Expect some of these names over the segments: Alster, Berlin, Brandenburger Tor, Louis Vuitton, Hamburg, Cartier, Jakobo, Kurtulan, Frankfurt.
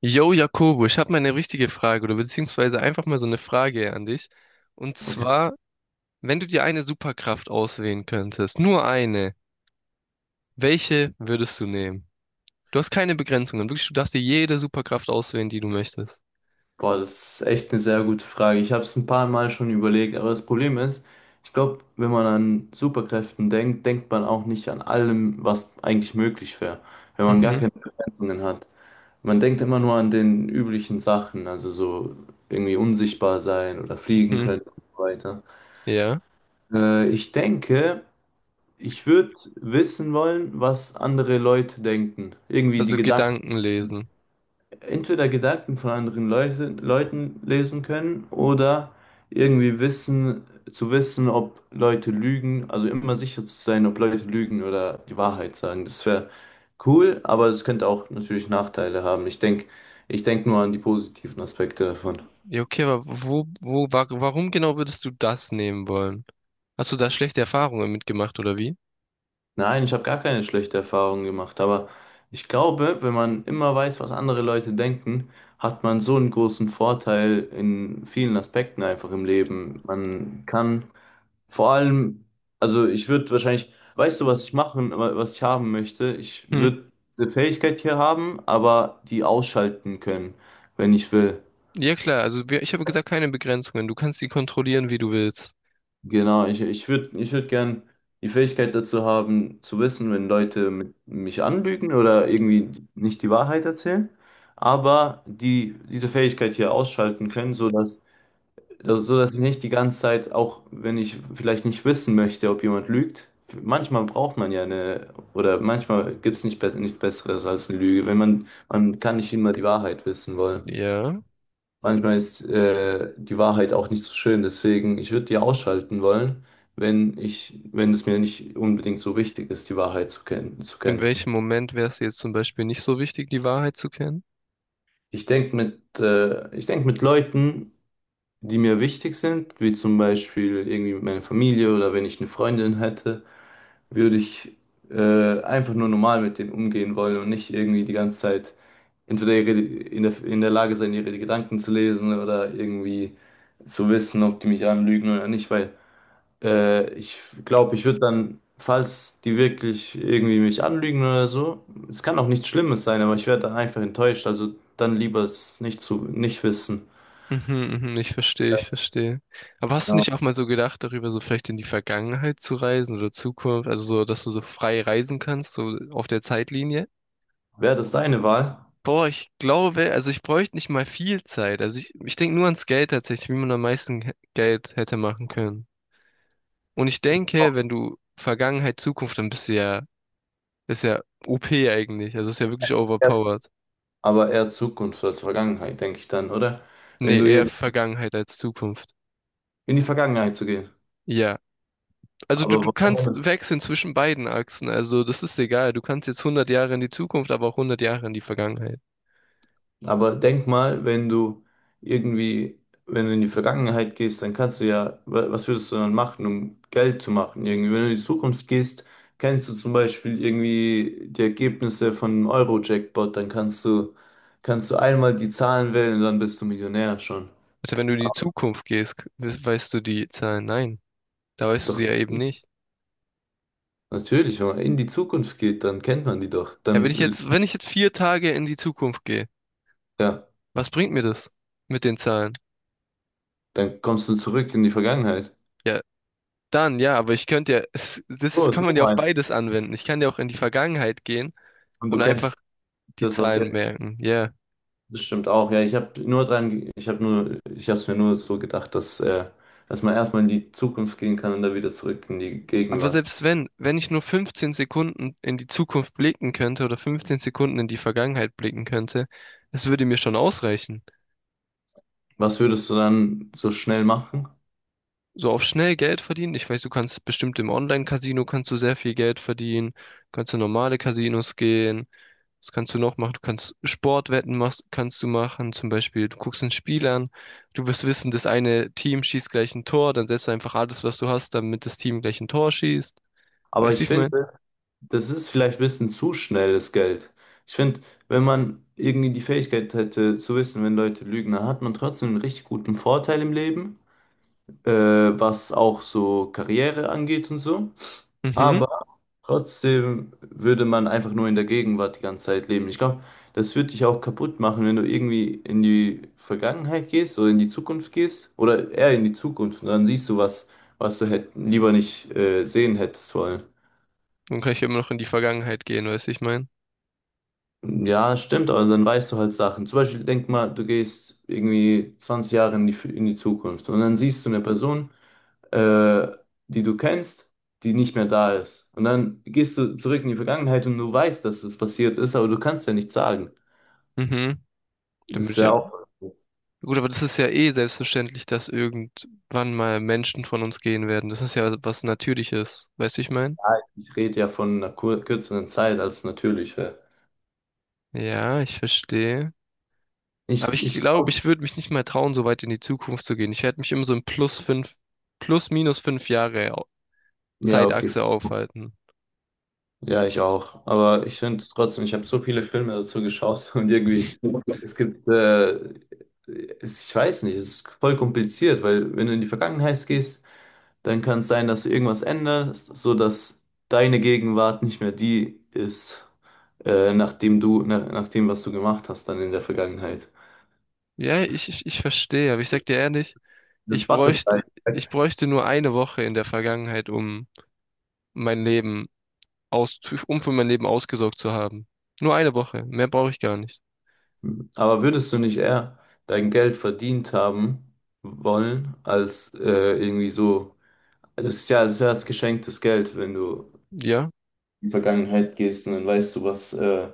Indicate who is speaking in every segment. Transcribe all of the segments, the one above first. Speaker 1: Yo, Jakobo, ich habe mal eine richtige Frage oder beziehungsweise einfach mal so eine Frage an dich. Und
Speaker 2: Okay.
Speaker 1: zwar, wenn du dir eine Superkraft auswählen könntest, nur eine, welche würdest du nehmen? Du hast keine Begrenzungen, wirklich, du darfst dir jede Superkraft auswählen, die du möchtest.
Speaker 2: Boah, das ist echt eine sehr gute Frage. Ich habe es ein paar Mal schon überlegt, aber das Problem ist, ich glaube, wenn man an Superkräften denkt, denkt man auch nicht an allem, was eigentlich möglich wäre, wenn man gar
Speaker 1: Mhm,
Speaker 2: keine Begrenzungen hat. Man denkt immer nur an den üblichen Sachen, also so irgendwie unsichtbar sein oder fliegen
Speaker 1: mhm,
Speaker 2: können und so weiter.
Speaker 1: ja.
Speaker 2: Ich denke, ich würde wissen wollen, was andere Leute denken. Irgendwie die
Speaker 1: Also
Speaker 2: Gedanken.
Speaker 1: Gedanken lesen.
Speaker 2: Entweder Gedanken von anderen Leuten lesen können oder irgendwie wissen, zu wissen, ob Leute lügen, also immer sicher zu sein, ob Leute lügen oder die Wahrheit sagen. Das wäre cool, aber es könnte auch natürlich Nachteile haben. Ich denk nur an die positiven Aspekte davon.
Speaker 1: Ja, okay, aber wo, wo, wa warum genau würdest du das nehmen wollen? Hast du da schlechte Erfahrungen mitgemacht oder wie?
Speaker 2: Nein, ich habe gar keine schlechte Erfahrung gemacht, aber ich glaube, wenn man immer weiß, was andere Leute denken, hat man so einen großen Vorteil in vielen Aspekten einfach im Leben. Man kann vor allem, also ich würde wahrscheinlich, weißt du, was ich machen, was ich haben möchte? Ich
Speaker 1: Hm.
Speaker 2: würde eine Fähigkeit hier haben, aber die ausschalten können, wenn ich will.
Speaker 1: Ja klar, also ich habe gesagt, keine Begrenzungen. Du kannst sie kontrollieren, wie du willst.
Speaker 2: Genau, ich würde ich würd gern die Fähigkeit dazu haben, zu wissen, wenn Leute mich anlügen oder irgendwie nicht die Wahrheit erzählen, aber diese Fähigkeit hier ausschalten können, sodass. Also, so dass ich nicht die ganze Zeit, auch wenn ich vielleicht nicht wissen möchte, ob jemand lügt, manchmal braucht man ja eine, oder manchmal gibt es nicht, nichts Besseres als eine Lüge, wenn man, man kann nicht immer die Wahrheit wissen wollen.
Speaker 1: Ja.
Speaker 2: Manchmal ist die Wahrheit auch nicht so schön, deswegen, ich würde die ausschalten wollen, wenn ich, wenn es mir nicht unbedingt so wichtig ist, die Wahrheit zu kennen, zu
Speaker 1: In
Speaker 2: kennen.
Speaker 1: welchem Moment wäre es jetzt zum Beispiel nicht so wichtig, die Wahrheit zu kennen?
Speaker 2: Ich denk mit Leuten, die mir wichtig sind, wie zum Beispiel irgendwie meine Familie oder wenn ich eine Freundin hätte, würde ich einfach nur normal mit denen umgehen wollen und nicht irgendwie die ganze Zeit entweder ihre, in der Lage sein, ihre Gedanken zu lesen oder irgendwie zu wissen, ob die mich anlügen oder nicht, weil ich glaube, ich würde dann, falls die wirklich irgendwie mich anlügen oder so, es kann auch nichts Schlimmes sein, aber ich werde dann einfach enttäuscht, also dann lieber es nicht wissen.
Speaker 1: Mhm, mhm, ich verstehe, ich verstehe. Aber hast du
Speaker 2: Ja.
Speaker 1: nicht auch mal so gedacht, darüber so vielleicht in die Vergangenheit zu reisen oder Zukunft, also so, dass du so frei reisen kannst, so auf der Zeitlinie?
Speaker 2: Wäre das deine Wahl?
Speaker 1: Boah, ich glaube, also ich bräuchte nicht mal viel Zeit. Also ich denke nur ans Geld tatsächlich, wie man am meisten Geld hätte machen können. Und ich denke, wenn du Vergangenheit, Zukunft, dann ist ja OP eigentlich. Also ist ja wirklich
Speaker 2: Ja.
Speaker 1: overpowered.
Speaker 2: Aber eher Zukunft als Vergangenheit, denke ich dann, oder? Wenn
Speaker 1: Nee,
Speaker 2: du
Speaker 1: eher Vergangenheit als Zukunft.
Speaker 2: in die Vergangenheit zu gehen.
Speaker 1: Ja. Also du,
Speaker 2: Aber,
Speaker 1: du kannst wechseln zwischen beiden Achsen. Also das ist egal. Du kannst jetzt 100 Jahre in die Zukunft, aber auch 100 Jahre in die Vergangenheit.
Speaker 2: aber denk mal, wenn du irgendwie, wenn du in die Vergangenheit gehst, dann kannst du ja, was würdest du dann machen, um Geld zu machen? Irgendwie, wenn du in die Zukunft gehst, kennst du zum Beispiel irgendwie die Ergebnisse von einem Euro-Jackpot, dann kannst du einmal die Zahlen wählen und dann bist du Millionär schon.
Speaker 1: Also wenn du in die
Speaker 2: Aber
Speaker 1: Zukunft gehst, weißt du die Zahlen. Nein, da weißt du sie
Speaker 2: doch,
Speaker 1: ja eben nicht.
Speaker 2: natürlich, wenn man in die Zukunft geht, dann kennt man die doch.
Speaker 1: Ja, wenn ich jetzt, wenn ich jetzt 4 Tage in die Zukunft gehe,
Speaker 2: Ja,
Speaker 1: was bringt mir das mit den Zahlen?
Speaker 2: Dann kommst du zurück in die Vergangenheit.
Speaker 1: Ja, dann ja, aber ich könnte ja, das
Speaker 2: So,
Speaker 1: kann
Speaker 2: so
Speaker 1: man ja auf
Speaker 2: mein.
Speaker 1: beides anwenden. Ich kann ja auch in die Vergangenheit gehen
Speaker 2: Und du
Speaker 1: und einfach
Speaker 2: kennst
Speaker 1: die
Speaker 2: das, was
Speaker 1: Zahlen
Speaker 2: jetzt.
Speaker 1: merken. Ja.
Speaker 2: Das stimmt auch, ja. Ich habe nur dran, ich habe nur, ich habe es mir nur so gedacht, dass man erstmal in die Zukunft gehen kann und dann wieder zurück in die
Speaker 1: Aber
Speaker 2: Gegenwart.
Speaker 1: selbst wenn ich nur 15 Sekunden in die Zukunft blicken könnte oder 15 Sekunden in die Vergangenheit blicken könnte, es würde mir schon ausreichen.
Speaker 2: Was würdest du dann so schnell machen?
Speaker 1: So auf schnell Geld verdienen. Ich weiß, du kannst bestimmt im Online-Casino kannst du sehr viel Geld verdienen. Kannst du normale Casinos gehen. Was kannst du noch machen? Du kannst Sportwetten machst, kannst du machen. Zum Beispiel, du guckst ein Spiel an. Du wirst wissen, das eine Team schießt gleich ein Tor. Dann setzt du einfach alles, was du hast, damit das Team gleich ein Tor schießt.
Speaker 2: Aber
Speaker 1: Weißt du, wie
Speaker 2: ich
Speaker 1: ich meine?
Speaker 2: finde, das ist vielleicht ein bisschen zu schnelles Geld. Ich finde, wenn man irgendwie die Fähigkeit hätte zu wissen, wenn Leute lügen, dann hat man trotzdem einen richtig guten Vorteil im Leben, was auch so Karriere angeht und so.
Speaker 1: Mhm.
Speaker 2: Aber trotzdem würde man einfach nur in der Gegenwart die ganze Zeit leben. Ich glaube, das würde dich auch kaputt machen, wenn du irgendwie in die Vergangenheit gehst oder in die Zukunft gehst oder eher in die Zukunft und dann siehst du was, was du lieber nicht sehen hättest wollen.
Speaker 1: Dann kann ich ja immer noch in die Vergangenheit gehen, weißt du, ich meine.
Speaker 2: Ja, stimmt, aber dann weißt du halt Sachen. Zum Beispiel, denk mal, du gehst irgendwie 20 Jahre in in die Zukunft und dann siehst du eine Person, äh, die du kennst, die nicht mehr da ist. Und dann gehst du zurück in die Vergangenheit und du weißt, dass es passiert ist, aber du kannst ja nichts sagen.
Speaker 1: Mhm. Dann bin
Speaker 2: Das
Speaker 1: ich
Speaker 2: wäre
Speaker 1: ja.
Speaker 2: auch. Ja,
Speaker 1: Gut, aber das ist ja eh selbstverständlich, dass irgendwann mal Menschen von uns gehen werden. Das ist ja was Natürliches, weißt du, ich meine.
Speaker 2: ich rede ja von einer kur kürzeren Zeit als natürlich wäre.
Speaker 1: Ja, ich verstehe.
Speaker 2: Ich,
Speaker 1: Aber ich
Speaker 2: ich
Speaker 1: glaube,
Speaker 2: glaube,
Speaker 1: ich würde mich nicht mal trauen, so weit in die Zukunft zu gehen. Ich werde mich immer so in plus minus 5 Jahre
Speaker 2: ja, okay.
Speaker 1: Zeitachse aufhalten.
Speaker 2: Ja, ich auch. Aber ich finde trotzdem, ich habe so viele Filme dazu geschaut und irgendwie, es gibt, äh, ich weiß nicht, es ist voll kompliziert, weil wenn du in die Vergangenheit gehst, dann kann es sein, dass du irgendwas änderst, so dass deine Gegenwart nicht mehr die ist, nach dem, was du gemacht hast, dann in der Vergangenheit.
Speaker 1: Ja,
Speaker 2: Es gibt
Speaker 1: ich verstehe, aber ich sag dir ehrlich,
Speaker 2: dieses
Speaker 1: ich bräuchte,
Speaker 2: Butterfly.
Speaker 1: ich bräuchte nur eine Woche in der Vergangenheit, um mein Leben aus, um für mein Leben ausgesorgt zu haben. Nur eine Woche, mehr brauche ich gar nicht.
Speaker 2: Aber würdest du nicht eher dein Geld verdient haben wollen, als irgendwie so. Das ist ja, als wäre es geschenktes Geld, wenn du
Speaker 1: Ja,
Speaker 2: in die Vergangenheit gehst und dann weißt du,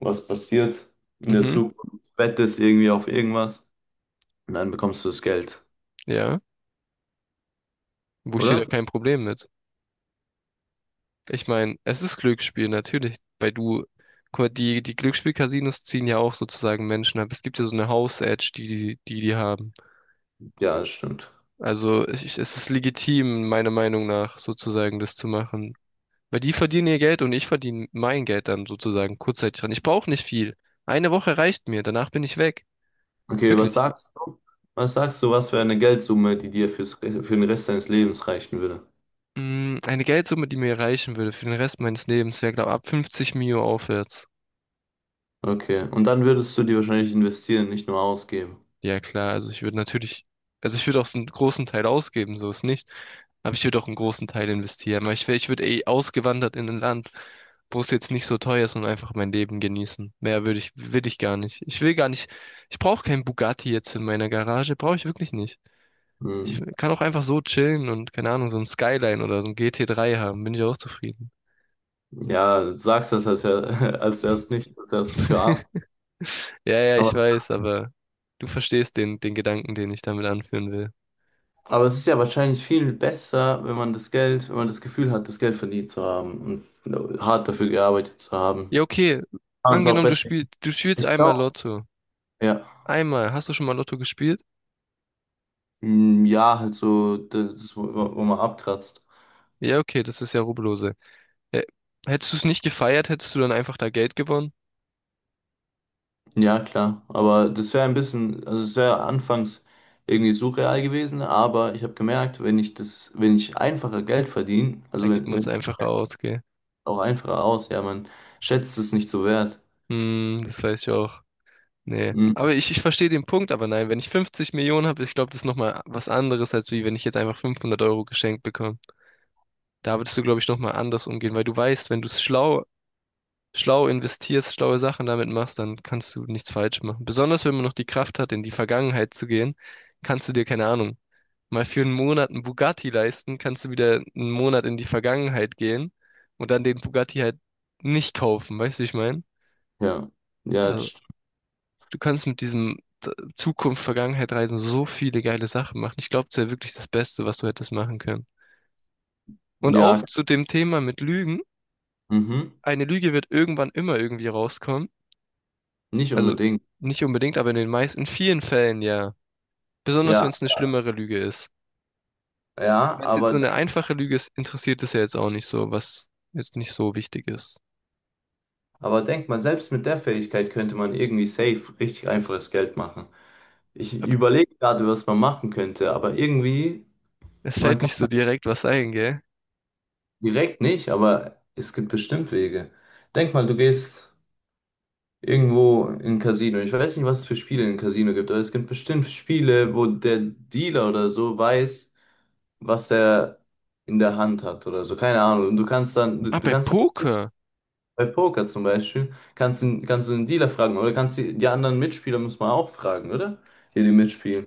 Speaker 2: was passiert in der
Speaker 1: mhm,
Speaker 2: Zukunft. Wettest irgendwie auf irgendwas und dann bekommst du das Geld,
Speaker 1: ja. Wo ich sehe da
Speaker 2: oder?
Speaker 1: kein Problem mit. Ich meine, es ist Glücksspiel, natürlich. Guck mal, die Glücksspiel-Casinos ziehen ja auch sozusagen Menschen ab. Es gibt ja so eine House-Edge, die haben.
Speaker 2: Ja, das stimmt.
Speaker 1: Also es ist legitim, meiner Meinung nach, sozusagen das zu machen. Weil die verdienen ihr Geld und ich verdiene mein Geld dann sozusagen kurzzeitig dran. Ich brauche nicht viel. Eine Woche reicht mir, danach bin ich weg.
Speaker 2: Okay, was
Speaker 1: Wirklich.
Speaker 2: sagst du? Was sagst du, was für eine Geldsumme, die dir für den Rest deines Lebens reichen würde?
Speaker 1: Eine Geldsumme, die mir reichen würde für den Rest meines Lebens, wäre, glaube ich, ab 50 Mio aufwärts.
Speaker 2: Okay, und dann würdest du die wahrscheinlich investieren, nicht nur ausgeben.
Speaker 1: Ja, klar, also ich würde natürlich, also ich würde auch so einen großen Teil ausgeben, so ist nicht. Aber ich würde auch einen großen Teil investieren, weil ich würde eh ausgewandert in ein Land, wo es jetzt nicht so teuer ist und einfach mein Leben genießen. Mehr will ich gar nicht. Ich will gar nicht, ich brauche keinen Bugatti jetzt in meiner Garage, brauche ich wirklich nicht. Ich
Speaker 2: Hm.
Speaker 1: kann auch einfach so chillen und, keine Ahnung, so ein Skyline oder so ein GT3 haben, bin ich auch zufrieden.
Speaker 2: Ja, du sagst das, als wäre, als wäre es nicht, als wäre es was für Arme.
Speaker 1: Ja, ja, ich weiß, aber du verstehst den Gedanken, den ich damit anführen will.
Speaker 2: Aber es ist ja wahrscheinlich viel besser, wenn man das Geld, wenn man das Gefühl hat, das Geld verdient zu haben und hart dafür gearbeitet zu haben.
Speaker 1: Ja, okay.
Speaker 2: Kann man es auch
Speaker 1: Angenommen, du
Speaker 2: besser.
Speaker 1: spielst, du spielst
Speaker 2: Ich
Speaker 1: einmal
Speaker 2: glaube.
Speaker 1: Lotto.
Speaker 2: Ja.
Speaker 1: Einmal. Hast du schon mal Lotto gespielt?
Speaker 2: Hm, ja, halt so, das, wo man abkratzt.
Speaker 1: Ja, okay, das ist ja Rubbellose. Hä- Hättest du es nicht gefeiert, hättest du dann einfach da Geld gewonnen?
Speaker 2: Ja, klar. Aber das wäre ein bisschen, also es wäre anfangs irgendwie surreal gewesen, aber ich habe gemerkt, wenn ich das, wenn ich einfacher Geld verdiene,
Speaker 1: Da
Speaker 2: also
Speaker 1: gibt man es
Speaker 2: wenn es
Speaker 1: einfach aus, gell?
Speaker 2: auch einfacher aus, ja, man schätzt es nicht so wert.
Speaker 1: Hm, das weiß ich auch. Nee.
Speaker 2: Hm,
Speaker 1: Aber ich verstehe den Punkt, aber nein, wenn ich 50 Millionen habe, ich glaube, das ist nochmal was anderes, als wie wenn ich jetzt einfach 500 € geschenkt bekomme. Da würdest du, glaube ich, nochmal anders umgehen, weil du weißt, wenn du es schlau schlau investierst, schlaue Sachen damit machst, dann kannst du nichts falsch machen. Besonders wenn man noch die Kraft hat, in die Vergangenheit zu gehen, kannst du dir, keine Ahnung, mal für einen Monat einen Bugatti leisten, kannst du wieder einen Monat in die Vergangenheit gehen und dann den Bugatti halt nicht kaufen, weißt du, wie ich meine?
Speaker 2: ja. Ja, das
Speaker 1: Also,
Speaker 2: stimmt.
Speaker 1: du kannst mit diesem Zukunft, Vergangenheit reisen so viele geile Sachen machen. Ich glaube, das wäre wirklich das Beste, was du hättest machen können. Und auch
Speaker 2: Ja,
Speaker 1: zu dem Thema mit Lügen.
Speaker 2: mhm.
Speaker 1: Eine Lüge wird irgendwann immer irgendwie rauskommen.
Speaker 2: Nicht
Speaker 1: Also
Speaker 2: unbedingt.
Speaker 1: nicht unbedingt, aber in vielen Fällen ja. Besonders wenn
Speaker 2: Ja,
Speaker 1: es eine schlimmere Lüge ist.
Speaker 2: ja,
Speaker 1: Wenn es jetzt so eine einfache Lüge ist, interessiert es ja jetzt auch nicht so, was jetzt nicht so wichtig ist.
Speaker 2: aber denkt man, selbst mit der Fähigkeit könnte man irgendwie safe richtig einfaches Geld machen. Ich
Speaker 1: Aber
Speaker 2: überlege gerade, was man machen könnte, aber irgendwie,
Speaker 1: es
Speaker 2: man
Speaker 1: fällt
Speaker 2: kann
Speaker 1: nicht so direkt was ein, gell?
Speaker 2: direkt nicht, aber es gibt bestimmt Wege. Denk mal, du gehst irgendwo in ein Casino. Ich weiß nicht, was es für Spiele in Casino gibt, aber es gibt bestimmt Spiele, wo der Dealer oder so weiß, was er in der Hand hat oder so. Keine Ahnung. Und du kannst dann, du
Speaker 1: Ah,
Speaker 2: du
Speaker 1: bei
Speaker 2: kannst.
Speaker 1: Poker.
Speaker 2: Bei Poker zum Beispiel kannst du den Dealer fragen oder kannst die anderen Mitspieler muss man auch fragen, oder? Die mitspielen,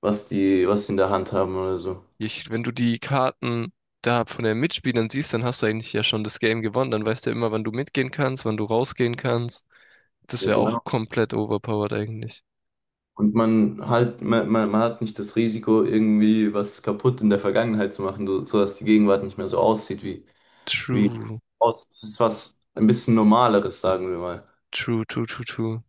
Speaker 2: was die in der Hand haben oder so.
Speaker 1: Wenn du die Karten da von den Mitspielern siehst, dann hast du eigentlich ja schon das Game gewonnen. Dann weißt du ja immer, wann du mitgehen kannst, wann du rausgehen kannst. Das
Speaker 2: Ja,
Speaker 1: wäre auch
Speaker 2: genau.
Speaker 1: komplett overpowered eigentlich.
Speaker 2: Und man halt, man hat nicht das Risiko, irgendwie was kaputt in der Vergangenheit zu machen, so, sodass die Gegenwart nicht mehr so aussieht wie, wie
Speaker 1: True,
Speaker 2: aus. Das ist was ein bisschen Normaleres, sagen wir mal.
Speaker 1: true, true, true, true.